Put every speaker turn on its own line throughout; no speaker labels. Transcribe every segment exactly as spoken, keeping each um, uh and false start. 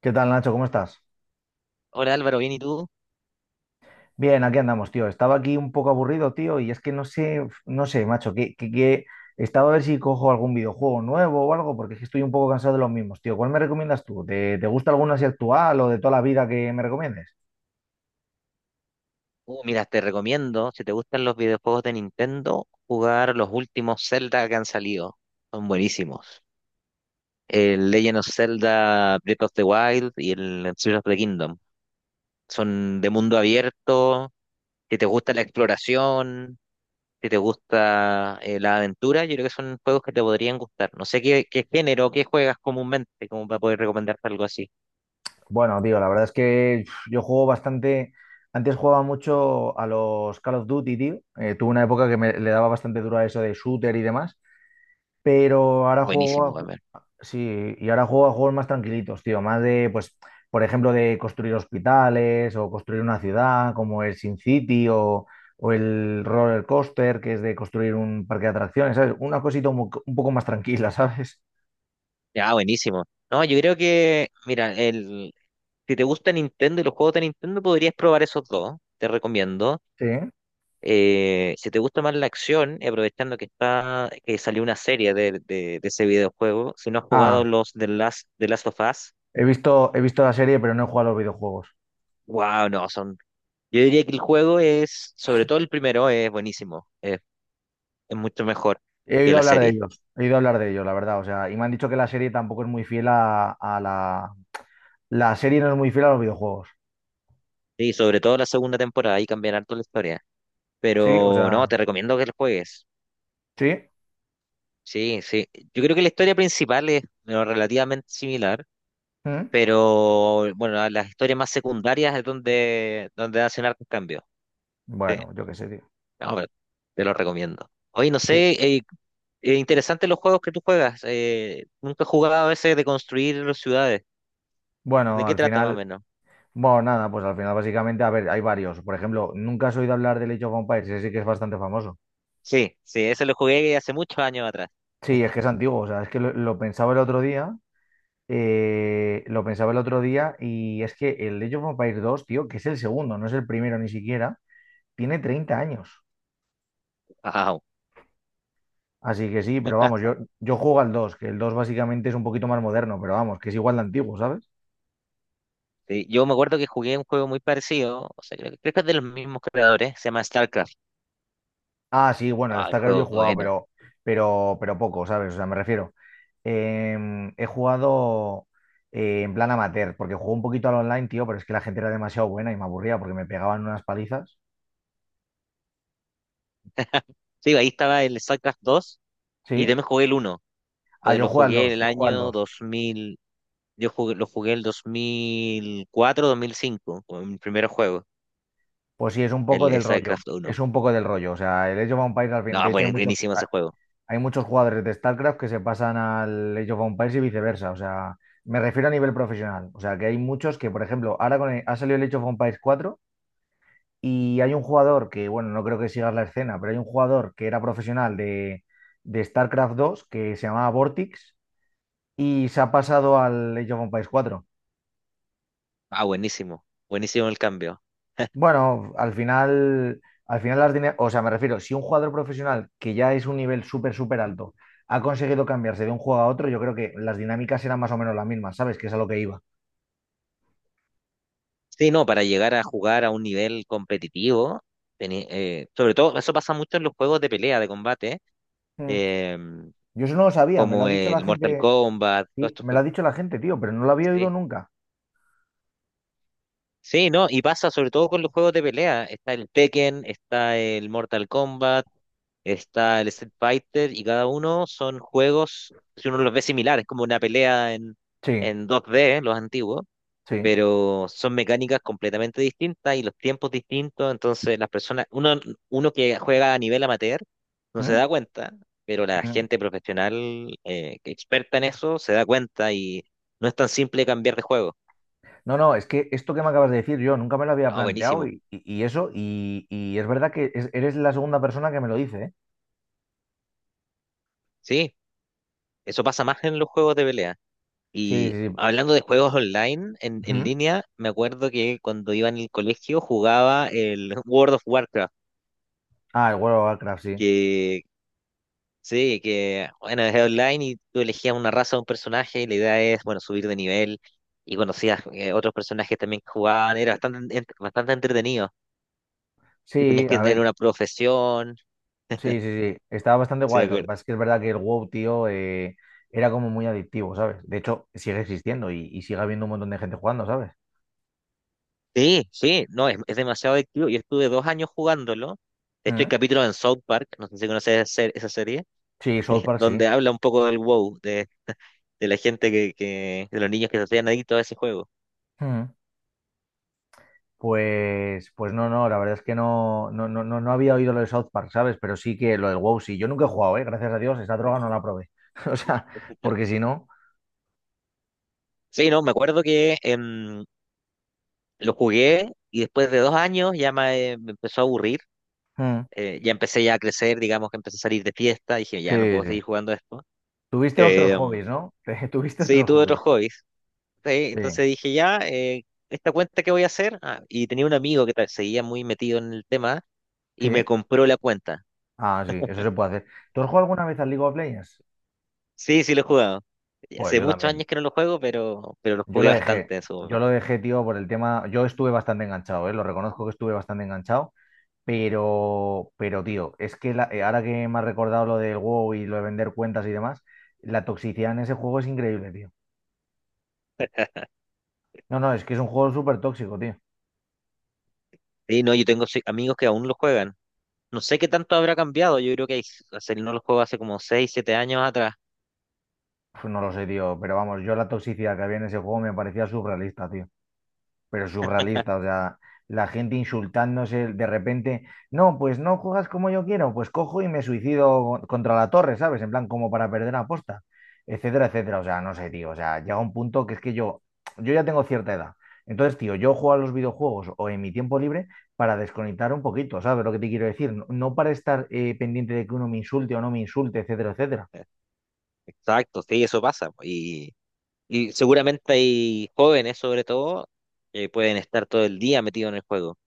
¿Qué tal, Nacho? ¿Cómo estás?
Hola Álvaro, ¿bien y tú?
Bien, aquí andamos, tío. Estaba aquí un poco aburrido, tío, y es que no sé, no sé, macho, que, que, que- estaba a ver si cojo algún videojuego nuevo o algo, porque es que estoy un poco cansado de los mismos, tío. ¿Cuál me recomiendas tú? ¿Te, te gusta alguno así actual o de toda la vida que me recomiendes?
Uh, mira, te recomiendo, si te gustan los videojuegos de Nintendo, jugar los últimos Zelda que han salido. Son buenísimos. El Legend of Zelda Breath of the Wild y el Tears of the Kingdom. Son de mundo abierto. Si te gusta la exploración, si te gusta eh, la aventura, yo creo que son juegos que te podrían gustar. No sé qué, qué, género, qué juegas comúnmente, como para poder recomendarte algo así.
Bueno, tío, la verdad es que uf, yo juego bastante. Antes jugaba mucho a los Call of Duty, tío. Eh, tuve una época que me, le daba bastante duro a eso de shooter y demás. Pero ahora
Buenísimo,
juego.
Gamer.
Sí, y ahora juego a juegos más tranquilitos, tío, más de, pues, por ejemplo, de construir hospitales o construir una ciudad, como el Sin City o, o el Roller Coaster, que es de construir un parque de atracciones, ¿sabes? Una cosita un, mo- un poco más tranquila, ¿sabes?
Ah, buenísimo. No, yo creo que, mira, el, si te gusta Nintendo y los juegos de Nintendo, podrías probar esos dos, te recomiendo.
Sí.
Eh, si te gusta más la acción, y aprovechando que está, que salió una serie de, de- de ese videojuego, si no has
Ah,
jugado los de Last, de Last of Us.
he visto, he visto la serie, pero no he jugado a los videojuegos.
Wow, no, son. Yo diría que el juego es, sobre todo el primero, es buenísimo, es, es mucho mejor
He
que
oído
la
hablar de
serie.
ellos, he oído hablar de ellos, la verdad, o sea, y me han dicho que la serie tampoco es muy fiel a, a la... La serie no es muy fiel a los videojuegos,
Sí, sobre todo la segunda temporada, ahí cambian harto la historia.
¿sí? O
Pero no,
sea,
te recomiendo que lo juegues.
¿sí?
Sí, sí. Yo creo que la historia principal es bueno, relativamente similar,
¿Mm?
pero bueno, a las historias más secundarias es donde, donde, hacen hartos cambios. Sí,
Bueno, yo qué sé, tío.
no, pero te lo recomiendo. Oye, no
Sí.
sé, eh, eh, interesante los juegos que tú juegas. eh, nunca he jugado a ese de construir las ciudades. ¿De
Bueno,
qué
al
trata más o
final,
menos?
bueno, nada, pues al final básicamente, a ver, hay varios. Por ejemplo, nunca has oído hablar del Age of Empires, ese sí que es bastante famoso.
Sí, sí, ese lo jugué hace muchos años atrás.
Sí, es que es antiguo, o sea, es que lo, lo pensaba el otro día, eh, lo pensaba el otro día y es que el Age of Empires dos, tío, que es el segundo, no es el primero ni siquiera, tiene treinta años.
Wow.
Así que sí, pero vamos, yo, yo juego al dos, que el dos básicamente es un poquito más moderno, pero vamos, que es igual de antiguo, ¿sabes?
Sí, yo me acuerdo que jugué un juego muy parecido, o sea, creo, que creo que es de los mismos creadores, se llama StarCraft.
Ah, sí, bueno, el
Ah, el
StarCraft yo he
juego
jugado,
bueno.
pero, pero, pero poco, ¿sabes? O sea, me refiero. Em, he jugado eh, en plan amateur, porque jugué un poquito al online, tío, pero es que la gente era demasiado buena y me aburría porque me pegaban unas palizas.
Sí, ahí estaba el StarCraft dos y
¿Sí?
también jugué el uno.
Ah,
Entonces
yo
lo
juego al
jugué en
dos,
el
yo juego al
año.
dos.
Yo jugué, lo jugué el dos mil cuatro, dos mil cinco, con mi primer juego,
Pues sí, es un poco
el
del rollo.
StarCraft
Es
uno.
un poco del rollo. O sea, el Age of Empires al fin.
No,
De hecho, hay
buen-
muchos,
buenísimo
ha-
ese juego.
hay muchos jugadores de StarCraft que se pasan al Age of Empires y viceversa. O sea, me refiero a nivel profesional. O sea, que hay muchos que, por ejemplo, ahora con el- ha salido el Age of Empires cuatro. Y hay un jugador que, bueno, no creo que sigas la escena, pero hay un jugador que era profesional de, de StarCraft dos que se llamaba Vortex y se ha pasado al Age of Empires cuatro.
Ah, buenísimo. Buenísimo el cambio.
Bueno, al final, al final las dine- o sea, me refiero, si un jugador profesional que ya es un nivel súper, súper alto ha conseguido cambiarse de un juego a otro, yo creo que las dinámicas eran más o menos las mismas, ¿sabes? Que es a lo que iba.
Sí, no, para llegar a jugar a un nivel competitivo, tení- eh, sobre todo, eso pasa mucho en los juegos de pelea, de combate,
Mm.
eh,
Yo eso no lo sabía, me lo ha
como
dicho la
el Mortal
gente,
Kombat, todos
sí,
estos
me lo ha
juegos.
dicho la gente, tío, pero no lo había oído
Sí.
nunca.
Sí, no, y pasa sobre todo con los juegos de pelea. Está el Tekken, está el Mortal Kombat, está el Street Fighter y cada uno son juegos, si uno los ve similares, como una pelea en,
Sí,
en dos D, los antiguos,
sí.
pero son mecánicas completamente distintas y los tiempos distintos, entonces las personas, uno, uno que juega a nivel amateur no se
¿Mm?
da cuenta, pero la
Mm.
gente profesional eh, que experta en eso se da cuenta y no es tan simple cambiar de juego.
No, no, es que esto que me acabas de decir yo nunca me lo había
Ah,
planteado
buenísimo.
y, y- y eso, y, y es verdad que es- eres la segunda persona que me lo dice, ¿eh?
Sí, eso pasa más en los juegos de pelea.
Sí,
Y
sí, sí.
hablando de juegos online, en, en,
Ujú.
línea, me acuerdo que cuando iba en el colegio jugaba el World of Warcraft,
Ah, el World of Warcraft, sí.
que sí, que bueno, es online y tú elegías una raza o un personaje y la idea es, bueno, subir de nivel, y conocías eh, otros personajes también que jugaban, era bastante, en- bastante entretenido. Y tenías
Sí,
que
a
tener
ver,
una profesión.
sí, sí, sí. Estaba bastante
Sí, me
guay. Lo que
acuerdo.
pasa es que es verdad que el WoW, tío, eh, era como muy adictivo, ¿sabes? De hecho, sigue existiendo y, y sigue habiendo un montón de gente jugando, ¿sabes?
Sí, sí, no, es, es, demasiado adictivo. Yo estuve dos años jugándolo. De hecho, hay
Ujú.
capítulos en South Park, no sé si conoces esa ser- esa serie
Sí, South Park, sí.
donde habla un poco del WoW, de de la gente que, que, de los niños que se hacían adictos a ese juego.
Ujú. Pues, pues no, no, la verdad es que no, no, no, no no había oído lo de South Park, ¿sabes? Pero sí que lo del WoW sí. Yo nunca he jugado, ¿eh? Gracias a Dios, esa droga no la probé. O sea, porque si no.
Sí, no, me acuerdo que em, lo jugué y después de dos años ya me, eh, me empezó a aburrir.
Mm,
eh, ya empecé ya a crecer, digamos que empecé a salir de fiesta. Dije, ya no
sí,
puedo
sí.
seguir jugando esto.
Tuviste
Eh,
otros
em,
hobbies, ¿no? Tuviste
sí,
otros
tuve otros
hobbies.
hobbies. Sí,
Sí,
entonces dije, ya, eh, ¿esta cuenta qué voy a hacer? Ah, y tenía un amigo que ta- seguía muy metido en el tema y me
sí.
compró la cuenta.
Ah, sí, eso se puede hacer. ¿Tú has jugado alguna vez al League of Legends?
Sí, sí lo he jugado. Y
Pues
hace
yo
muchos
también.
años que no lo juego, pero, pero lo
Yo
jugué
lo dejé.
bastante en su
Yo
momento.
lo dejé, tío, por el tema. Yo estuve bastante enganchado, ¿eh? Lo reconozco que estuve bastante enganchado. Pero, pero tío, es que la- eh, ahora que me has recordado lo del WoW y lo de vender cuentas y demás, la toxicidad en ese juego es increíble, tío. No, no, es que es un juego súper tóxico, tío.
Sí, no, yo tengo sí, amigos que aún lo juegan. No sé qué tanto habrá cambiado. Yo creo que hace- no los juegos hace como seis siete años atrás.
Pues no lo sé, tío, pero vamos, yo la toxicidad que había en ese juego me parecía surrealista, tío. Pero surrealista, o sea, la gente insultándose de repente, no, pues no juegas como yo quiero, pues cojo y me suicido contra la torre, ¿sabes? En plan, como para perder la posta, etcétera, etcétera, o sea, no sé, tío, o sea, llega un punto que es que yo, yo ya tengo cierta edad. Entonces, tío, yo juego a los videojuegos o en mi tiempo libre para desconectar un poquito, ¿sabes lo que te quiero decir? No, no para estar eh, pendiente de que uno me insulte o no me insulte, etcétera, etcétera.
Eh, Exacto, sí, eso pasa, po. Y, y seguramente hay jóvenes, sobre todo, que pueden estar todo el día metidos en el juego.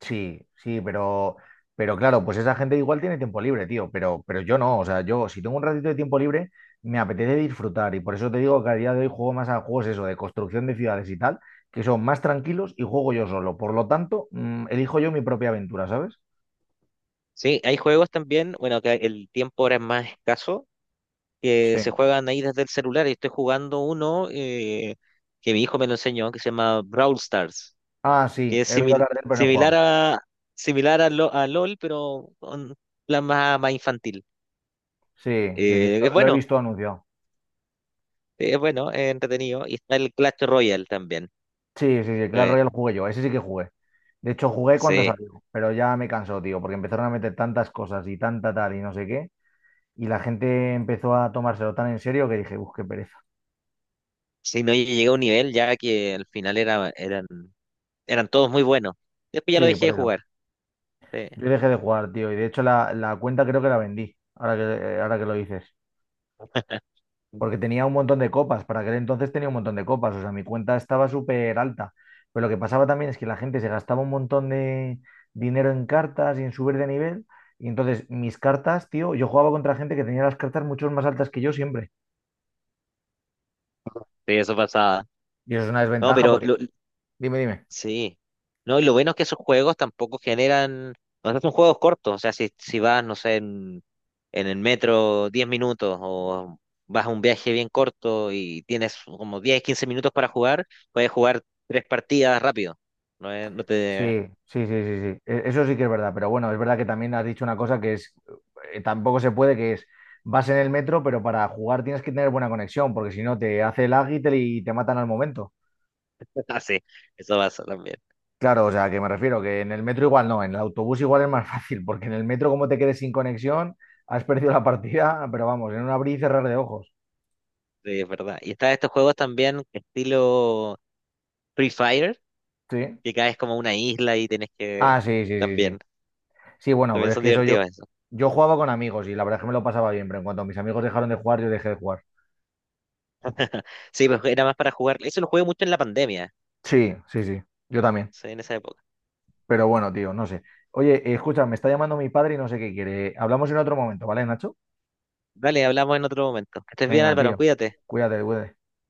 Sí, sí, pero, pero claro, pues esa gente igual tiene tiempo libre, tío, pero, pero yo no, o sea, yo si tengo un ratito de tiempo libre, me apetece disfrutar y por eso te digo que a día de hoy juego más a juegos eso, de construcción de ciudades y tal, que son más tranquilos y juego yo solo. Por lo tanto, mm, elijo yo mi propia aventura, ¿sabes?
Sí, hay juegos también, bueno, que el tiempo ahora es más escaso, que se
Sí.
juegan ahí desde el celular. Y estoy jugando uno eh, que mi hijo me lo enseñó, que se llama Brawl Stars,
Ah,
que
sí,
es
he oído
simil-
hablar de él, pero no he
similar
jugado.
a, similar a, Lo- a LOL, pero con plan más, más infantil.
Sí, sí, sí,
Eh, es
lo, lo he
bueno.
visto anunciado.
Sí, es bueno, es entretenido. Y está el Clash Royale también.
Sí, sí, sí, Clash
Eh,
Royale jugué yo, ese sí que jugué. De hecho, jugué cuando
sí,
salió, pero ya me cansó, tío, porque empezaron a meter tantas cosas y tanta tal y no sé qué, y la gente empezó a tomárselo tan en serio que dije, uff, qué pereza.
sí, no, yo llegué a un nivel ya que al final era, eran, eran todos muy buenos. Después ya lo
Sí,
dejé
por
de
eso.
jugar. Sí,
Yo dejé de jugar, tío. Y de hecho la, la cuenta creo que la vendí, ahora que, eh, ahora que lo dices.
sí,
Porque tenía un montón de copas. Para aquel entonces tenía un montón de copas. O sea, mi cuenta estaba súper alta. Pero lo que pasaba también es que la gente se gastaba un montón de dinero en cartas y en subir de nivel. Y entonces mis cartas, tío, yo jugaba contra gente que tenía las cartas mucho más altas que yo siempre.
eso pasaba.
Y eso es una
No,
desventaja
pero
porque...
lo-
Dime, dime.
sí. No, y lo bueno es que esos juegos tampoco generan. O sea, son juegos cortos. O sea, si, si vas, no sé, en, en, el metro diez minutos, o vas a un viaje bien corto y tienes como diez quince minutos para jugar, puedes jugar tres partidas rápido. No, es- no te.
Sí, sí, sí, sí, sí. E- Eso sí que es verdad, pero bueno, es verdad que también has dicho una cosa que es, eh, tampoco se puede, que es, vas en el metro, pero para jugar tienes que tener buena conexión, porque si no te hace el y te, y te matan al momento.
Ah, sí, eso pasa también.
Claro, o sea, que me refiero, que en el metro igual no, en el autobús igual es más fácil, porque en el metro como te quedes sin conexión, has perdido la partida, pero vamos, en un abrir y cerrar de ojos.
Sí, es verdad. Y están estos juegos también estilo Free Fire,
Sí.
que caes como a una isla y tienes que...
Ah, sí, sí, sí,
También,
sí. Sí, bueno, pero
también
es
son
que eso yo,
divertidos eso.
yo jugaba con amigos y la verdad es que me lo pasaba bien, pero en cuanto mis amigos dejaron de jugar, yo dejé de jugar.
Sí, pues era más para jugar. Eso lo jugué mucho en la pandemia,
Sí, sí, sí, yo también.
sí, en esa época.
Pero bueno, tío, no sé. Oye, eh, escucha, me está llamando mi padre y no sé qué quiere. Hablamos en otro momento, ¿vale, Nacho?
Vale, hablamos en otro momento. Que estés bien,
Venga,
Álvaro,
tío.
cuídate.
Cuídate, cuídate.